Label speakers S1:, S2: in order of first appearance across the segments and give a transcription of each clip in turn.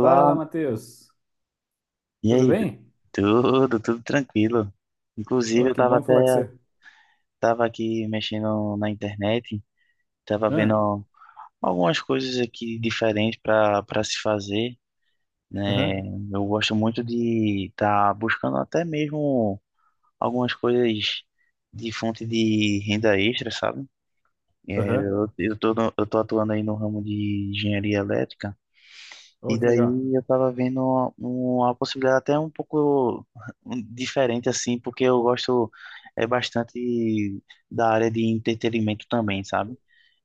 S1: Fala, Matheus.
S2: e
S1: Tudo
S2: aí?
S1: bem?
S2: Tudo, tudo tranquilo. Inclusive,
S1: Oh,
S2: eu
S1: que
S2: tava
S1: bom
S2: até,
S1: falar com você.
S2: tava aqui mexendo na internet, tava vendo
S1: Ah,
S2: algumas coisas aqui diferentes para se fazer, né?
S1: aham,
S2: Eu gosto muito de estar buscando até mesmo algumas coisas de fonte de renda extra, sabe?
S1: aham.
S2: Eu tô, eu tô atuando aí no ramo de engenharia elétrica.
S1: Oh,
S2: E
S1: que legal.
S2: daí eu tava vendo uma possibilidade até um pouco diferente, assim, porque eu gosto é bastante da área de entretenimento também, sabe?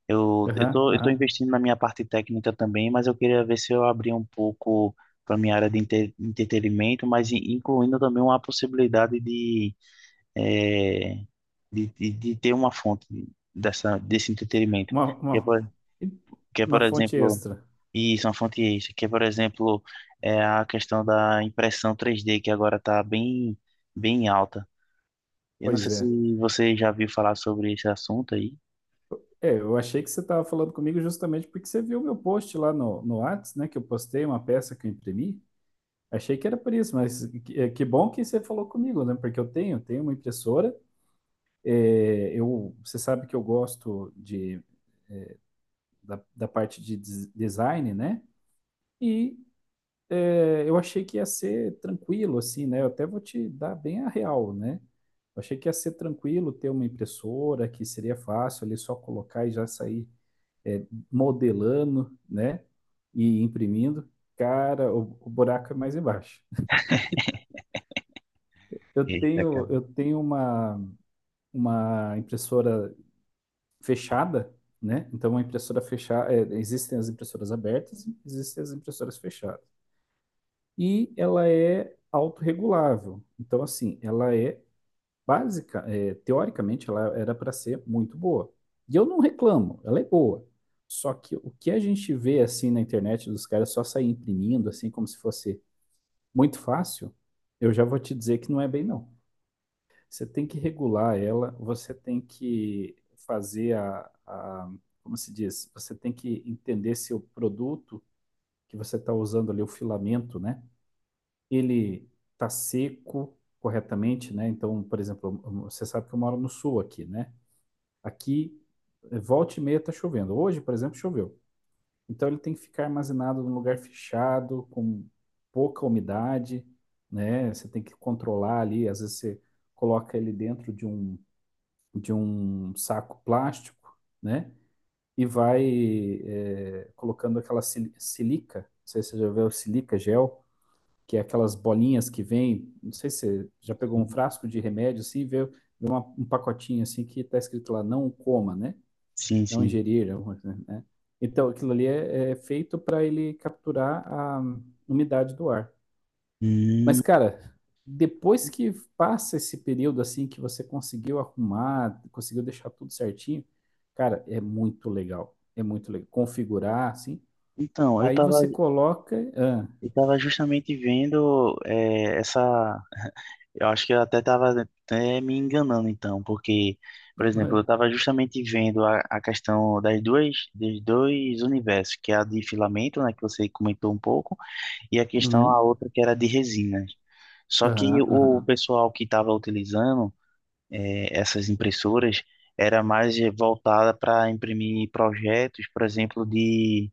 S1: Aham,
S2: Eu tô
S1: aham.
S2: investindo na minha parte técnica também, mas eu queria ver se eu abria um pouco para minha área de entretenimento, mas incluindo também uma possibilidade de, eh, de ter uma fonte desse entretenimento.
S1: Uma,
S2: Que é, por,
S1: uma,
S2: que é,
S1: uma
S2: por
S1: fonte
S2: exemplo,
S1: extra.
S2: isso, uma fonte extra, que é, por exemplo, é a questão da impressão 3D, que agora está bem alta. Eu não
S1: Pois
S2: sei
S1: é.
S2: se você já viu falar sobre esse assunto aí.
S1: É, eu achei que você estava falando comigo justamente porque você viu meu post lá no Whats, né? Que eu postei uma peça que eu imprimi. Achei que era por isso, mas que, é, que bom que você falou comigo, né? Porque eu tenho, tenho uma impressora. É, eu, você sabe que eu gosto de, da parte de design, né? E é, eu achei que ia ser tranquilo, assim, né? Eu até vou te dar bem a real, né? Eu achei que ia ser tranquilo ter uma impressora, que seria fácil ali só colocar e já sair é, modelando, né? E imprimindo. Cara, o buraco é mais embaixo.
S2: Eita, cara.
S1: Eu tenho uma impressora fechada, né? Então, uma impressora fechada, existem as impressoras abertas, existem as impressoras fechadas. E ela é autorregulável. Então, assim, ela é básica, é, teoricamente, ela era para ser muito boa. E eu não reclamo, ela é boa. Só que o que a gente vê assim na internet dos caras só sair imprimindo, assim, como se fosse muito fácil, eu já vou te dizer que não é bem, não. Você tem que regular ela, você tem que fazer como se diz? Você tem que entender se o produto que você está usando ali, o filamento, né? Ele está seco corretamente, né? Então, por exemplo, você sabe que eu moro no sul aqui, né? Aqui, volta e meia tá chovendo. Hoje, por exemplo, choveu. Então, ele tem que ficar armazenado num lugar fechado, com pouca umidade, né? Você tem que controlar ali. Às vezes, você coloca ele dentro de um saco plástico, né? E vai, colocando aquela silica. Não sei se você já viu silica gel que é aquelas bolinhas que vem. Não sei se você já pegou um frasco de remédio assim, e vê, vê um pacotinho assim que está escrito lá, não coma, né?
S2: Sim,
S1: Não
S2: sim.
S1: ingerir, alguma coisa, né? Então, aquilo ali é, é feito para ele capturar a umidade do ar.
S2: Hum,
S1: Mas, cara, depois que passa esse período assim que você conseguiu arrumar, conseguiu deixar tudo certinho, cara, é muito legal. É muito legal. Configurar, assim.
S2: então,
S1: Aí você coloca. Ah,
S2: eu tava justamente vendo essa. Eu acho que eu até estava até me enganando, então, porque, por exemplo, eu estava justamente vendo a questão dos dois universos, que é a de filamento, né, que você comentou um pouco e a
S1: uhum,
S2: outra que era de resinas. Só que
S1: aham,
S2: o
S1: aham.
S2: pessoal que estava utilizando essas impressoras era mais voltada para imprimir projetos, por exemplo, de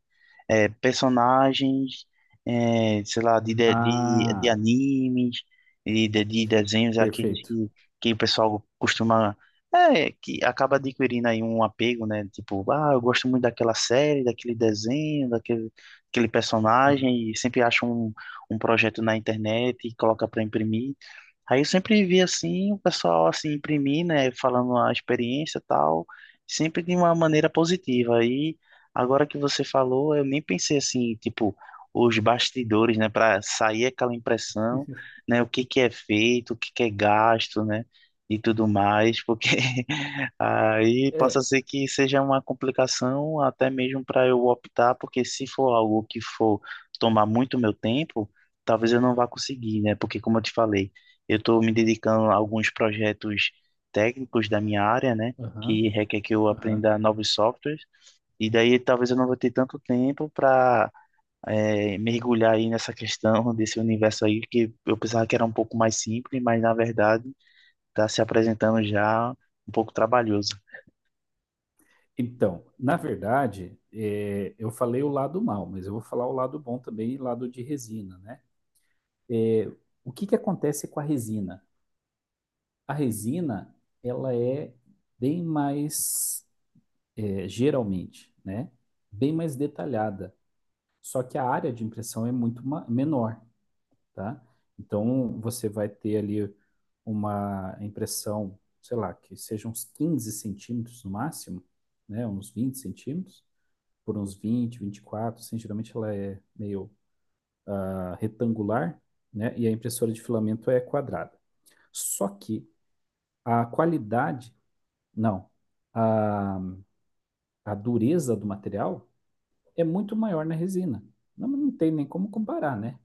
S2: personagens, é, sei lá, de
S1: Ah,
S2: animes, e de desenhos, é aqueles
S1: perfeito.
S2: que o pessoal costuma. É, que acaba adquirindo aí um apego, né? Tipo, ah, eu gosto muito daquela série, daquele desenho, daquele
S1: Aham.
S2: personagem, e sempre acha um, um projeto na internet e coloca para imprimir. Aí eu sempre vi assim, o pessoal assim imprimir, né, falando a experiência e tal, sempre de uma maneira positiva. Aí agora que você falou, eu nem pensei assim, tipo, os bastidores, né, para sair aquela impressão, né, o que que é feito, o que que é gasto, né, e tudo mais, porque aí possa
S1: É,
S2: ser que seja uma complicação até mesmo para eu optar, porque se for algo que for tomar muito meu tempo, talvez eu não vá conseguir, né, porque como eu te falei, eu estou me dedicando a alguns projetos técnicos da minha área, né,
S1: aham,
S2: que requer que eu
S1: aham.
S2: aprenda novos softwares e daí talvez eu não vou ter tanto tempo para mergulhar aí nessa questão desse universo aí, que eu pensava que era um pouco mais simples, mas na verdade está se apresentando já um pouco trabalhoso.
S1: Então, na verdade, é, eu falei o lado mal, mas eu vou falar o lado bom também, e lado de resina, né? É, o que que acontece com a resina? A resina, ela é bem mais, é, geralmente, né? Bem mais detalhada. Só que a área de impressão é muito menor. Tá? Então, você vai ter ali uma impressão, sei lá, que seja uns 15 centímetros no máximo, né? Uns 20 centímetros, por uns 20, 24, assim, geralmente ela é meio ah, retangular, né? E a impressora de filamento é quadrada. Só que a qualidade, não, a, a dureza do material é muito maior na resina. Não tem nem como comparar, né?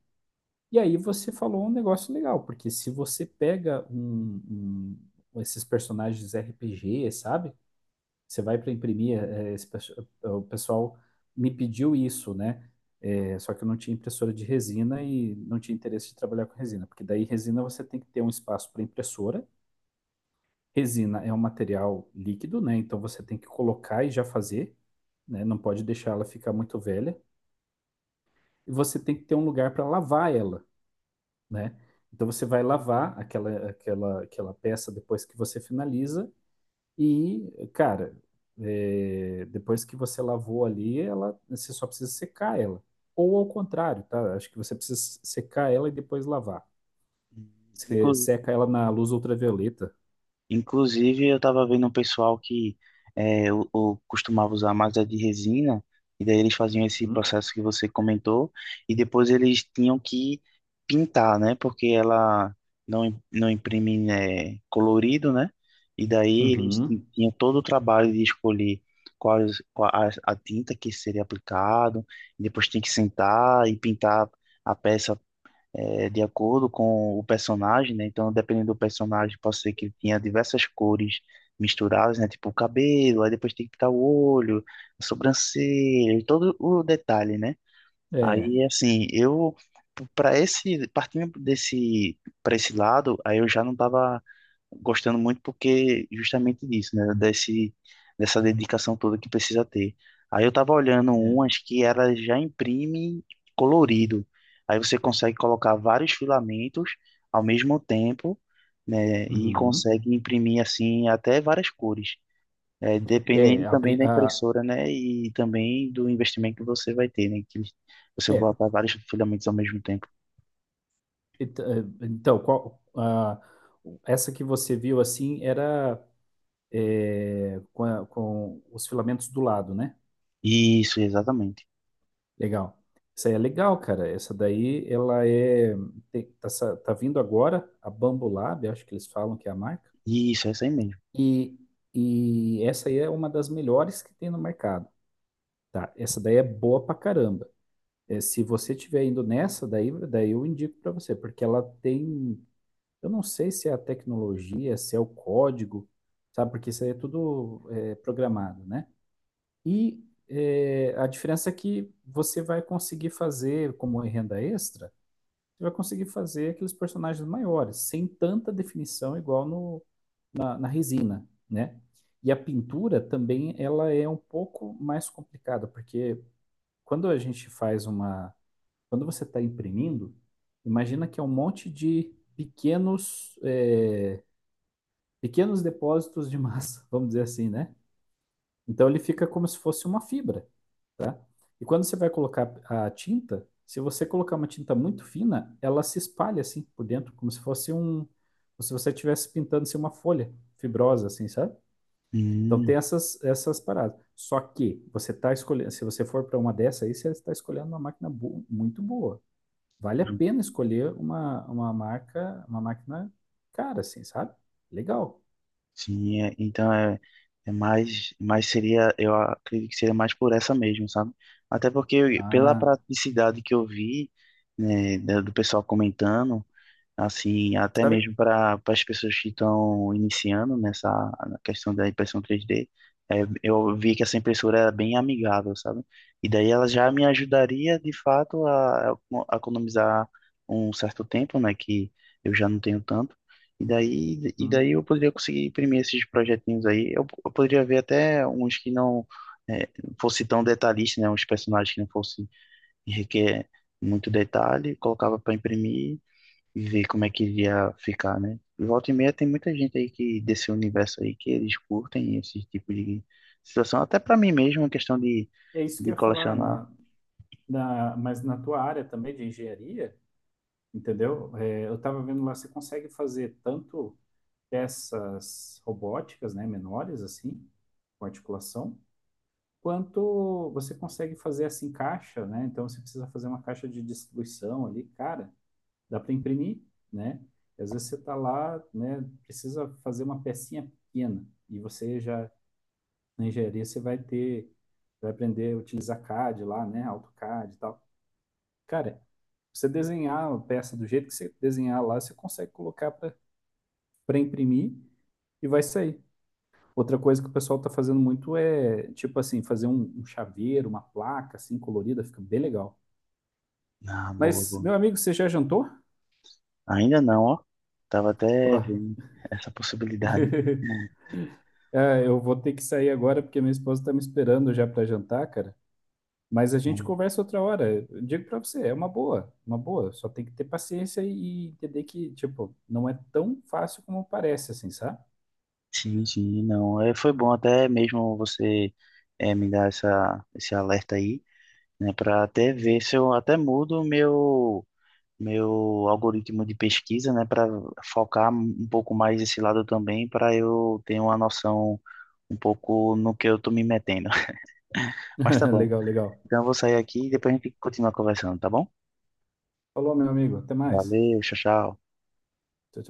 S1: E aí você falou um negócio legal, porque se você pega um, esses personagens RPG, sabe? Você vai para imprimir, é, o pessoal me pediu isso, né? É, só que eu não tinha impressora de resina e não tinha interesse de trabalhar com resina, porque daí resina você tem que ter um espaço para impressora. Resina é um material líquido, né? Então você tem que colocar e já fazer, né? Não pode deixar ela ficar muito velha. E você tem que ter um lugar para lavar ela. Né? Então você vai lavar aquela peça depois que você finaliza e, cara, é, depois que você lavou ali, ela, você só precisa secar ela. Ou ao contrário, tá? Acho que você precisa secar ela e depois lavar. Você
S2: Inclu-
S1: seca ela na luz ultravioleta.
S2: Inclusive, eu tava vendo um pessoal que é, costumava usar mais a de resina, e daí eles faziam esse
S1: Uhum.
S2: processo que você comentou, e depois eles tinham que pintar, né? Porque ela não, não imprime, né, colorido, né? E daí eles
S1: Uhum.
S2: tinham todo o trabalho de escolher quais, qual a tinta que seria aplicado, e depois tem que sentar e pintar a peça é, de acordo com o personagem, né? Então, dependendo do personagem, pode ser que ele tinha diversas cores misturadas, né? Tipo o cabelo, aí depois tem que pintar o olho, a sobrancelha, e todo o detalhe, né?
S1: É,
S2: Aí, assim, eu para esse partindo desse para esse lado, aí eu já não tava gostando muito porque justamente disso, né? Dessa dedicação toda que precisa ter. Aí eu tava olhando
S1: é.
S2: umas que ela já imprime colorido. Aí você consegue colocar vários filamentos ao mesmo tempo, né? E
S1: Uhum.
S2: consegue imprimir assim até várias cores. É,
S1: É,
S2: dependendo também da impressora, né? E também do investimento que você vai ter, né? Que você vai
S1: é.
S2: botar vários filamentos ao mesmo tempo.
S1: Então, qual, essa que você viu assim era é, com, com os filamentos do lado, né?
S2: Isso, exatamente.
S1: Legal. Essa aí é legal, cara. Essa daí, ela é. Tá, tá vindo agora a Bambu Lab, acho que eles falam que é a marca.
S2: Isso, é isso aí mesmo.
S1: E, e essa aí é uma das melhores que tem no mercado, tá? Essa daí é boa pra caramba. É, se você tiver indo nessa, daí, daí eu indico pra você, porque ela tem. Eu não sei se é a tecnologia, se é o código, sabe? Porque isso aí é tudo é, programado, né? E a diferença é que você vai conseguir fazer, como em renda extra, você vai conseguir fazer aqueles personagens maiores, sem tanta definição igual no, na, na resina, né? E a pintura também, ela é um pouco mais complicada, porque quando a gente faz uma... Quando você está imprimindo, imagina que é um monte de pequenos, pequenos depósitos de massa, vamos dizer assim, né? Então ele fica como se fosse uma fibra, tá? E quando você vai colocar a tinta, se você colocar uma tinta muito fina, ela se espalha assim por dentro, como se fosse um, como se você estivesse pintando assim, uma folha fibrosa, assim, sabe? Então tem
S2: Hum.
S1: essas paradas. Só que você está escolhendo, se você for para uma dessa aí, você está escolhendo uma máquina muito boa. Vale a pena escolher uma marca, uma máquina cara, assim, sabe? Legal.
S2: Sim, então é, mais seria, eu acredito que seria mais por essa mesmo, sabe? Até porque pela
S1: Ah,
S2: praticidade que eu vi, né, do pessoal comentando assim, até
S1: sabe?
S2: mesmo para as pessoas que estão iniciando nessa na questão da impressão 3D. É, eu vi que essa impressora era bem amigável, sabe? E daí ela já me ajudaria, de fato, a economizar um certo tempo, né, que eu já não tenho tanto. E
S1: Uhum.
S2: daí eu poderia conseguir imprimir esses projetinhos aí. Eu poderia ver até uns que não é, fosse tão detalhista, né? Uns personagens que não fosse requer muito detalhe, colocava para imprimir e ver como é que iria ficar, né? Volta e meia tem muita gente aí que desse universo aí que eles curtem esse tipo de situação. Até pra mim mesmo, uma questão
S1: É isso que
S2: de
S1: eu ia falar.
S2: colecionar.
S1: Na, na, mas na tua área também de engenharia, entendeu? É, eu estava vendo lá, você consegue fazer tanto peças robóticas, né, menores assim, com articulação, quanto você consegue fazer assim caixa, né? Então você precisa fazer uma caixa de distribuição ali, cara, dá para imprimir, né? E às vezes você está lá, né, precisa fazer uma pecinha pequena e você já na engenharia você vai ter, vai aprender a utilizar CAD lá, né, AutoCAD e tal. Cara, você desenhar uma peça do jeito que você desenhar lá, você consegue colocar para imprimir e vai sair. Outra coisa que o pessoal tá fazendo muito é, tipo assim, fazer um, um chaveiro, uma placa assim colorida, fica bem legal.
S2: Ah, boa,
S1: Mas,
S2: boa.
S1: meu amigo, você já jantou?
S2: Ainda não, ó. Tava até
S1: Ó,
S2: vendo essa possibilidade.
S1: é, eu vou ter que sair agora porque minha esposa tá me esperando já para jantar, cara. Mas a gente
S2: Hum,
S1: conversa outra hora. Eu digo para você, é uma boa, uma boa. Só tem que ter paciência e entender que, tipo, não é tão fácil como parece, assim, sabe?
S2: Sim, sim, não. É, foi bom até mesmo você é, me dar essa, esse alerta aí, né? Pra até ver se eu até mudo o meu algoritmo de pesquisa, né, para focar um pouco mais esse lado também, para eu ter uma noção um pouco no que eu tô me metendo. Mas tá bom.
S1: Legal, legal.
S2: Então eu vou sair aqui e depois a gente continua conversando, tá bom?
S1: Falou, meu amigo. Até mais.
S2: Valeu, tchau, tchau.
S1: Tchau, tchau.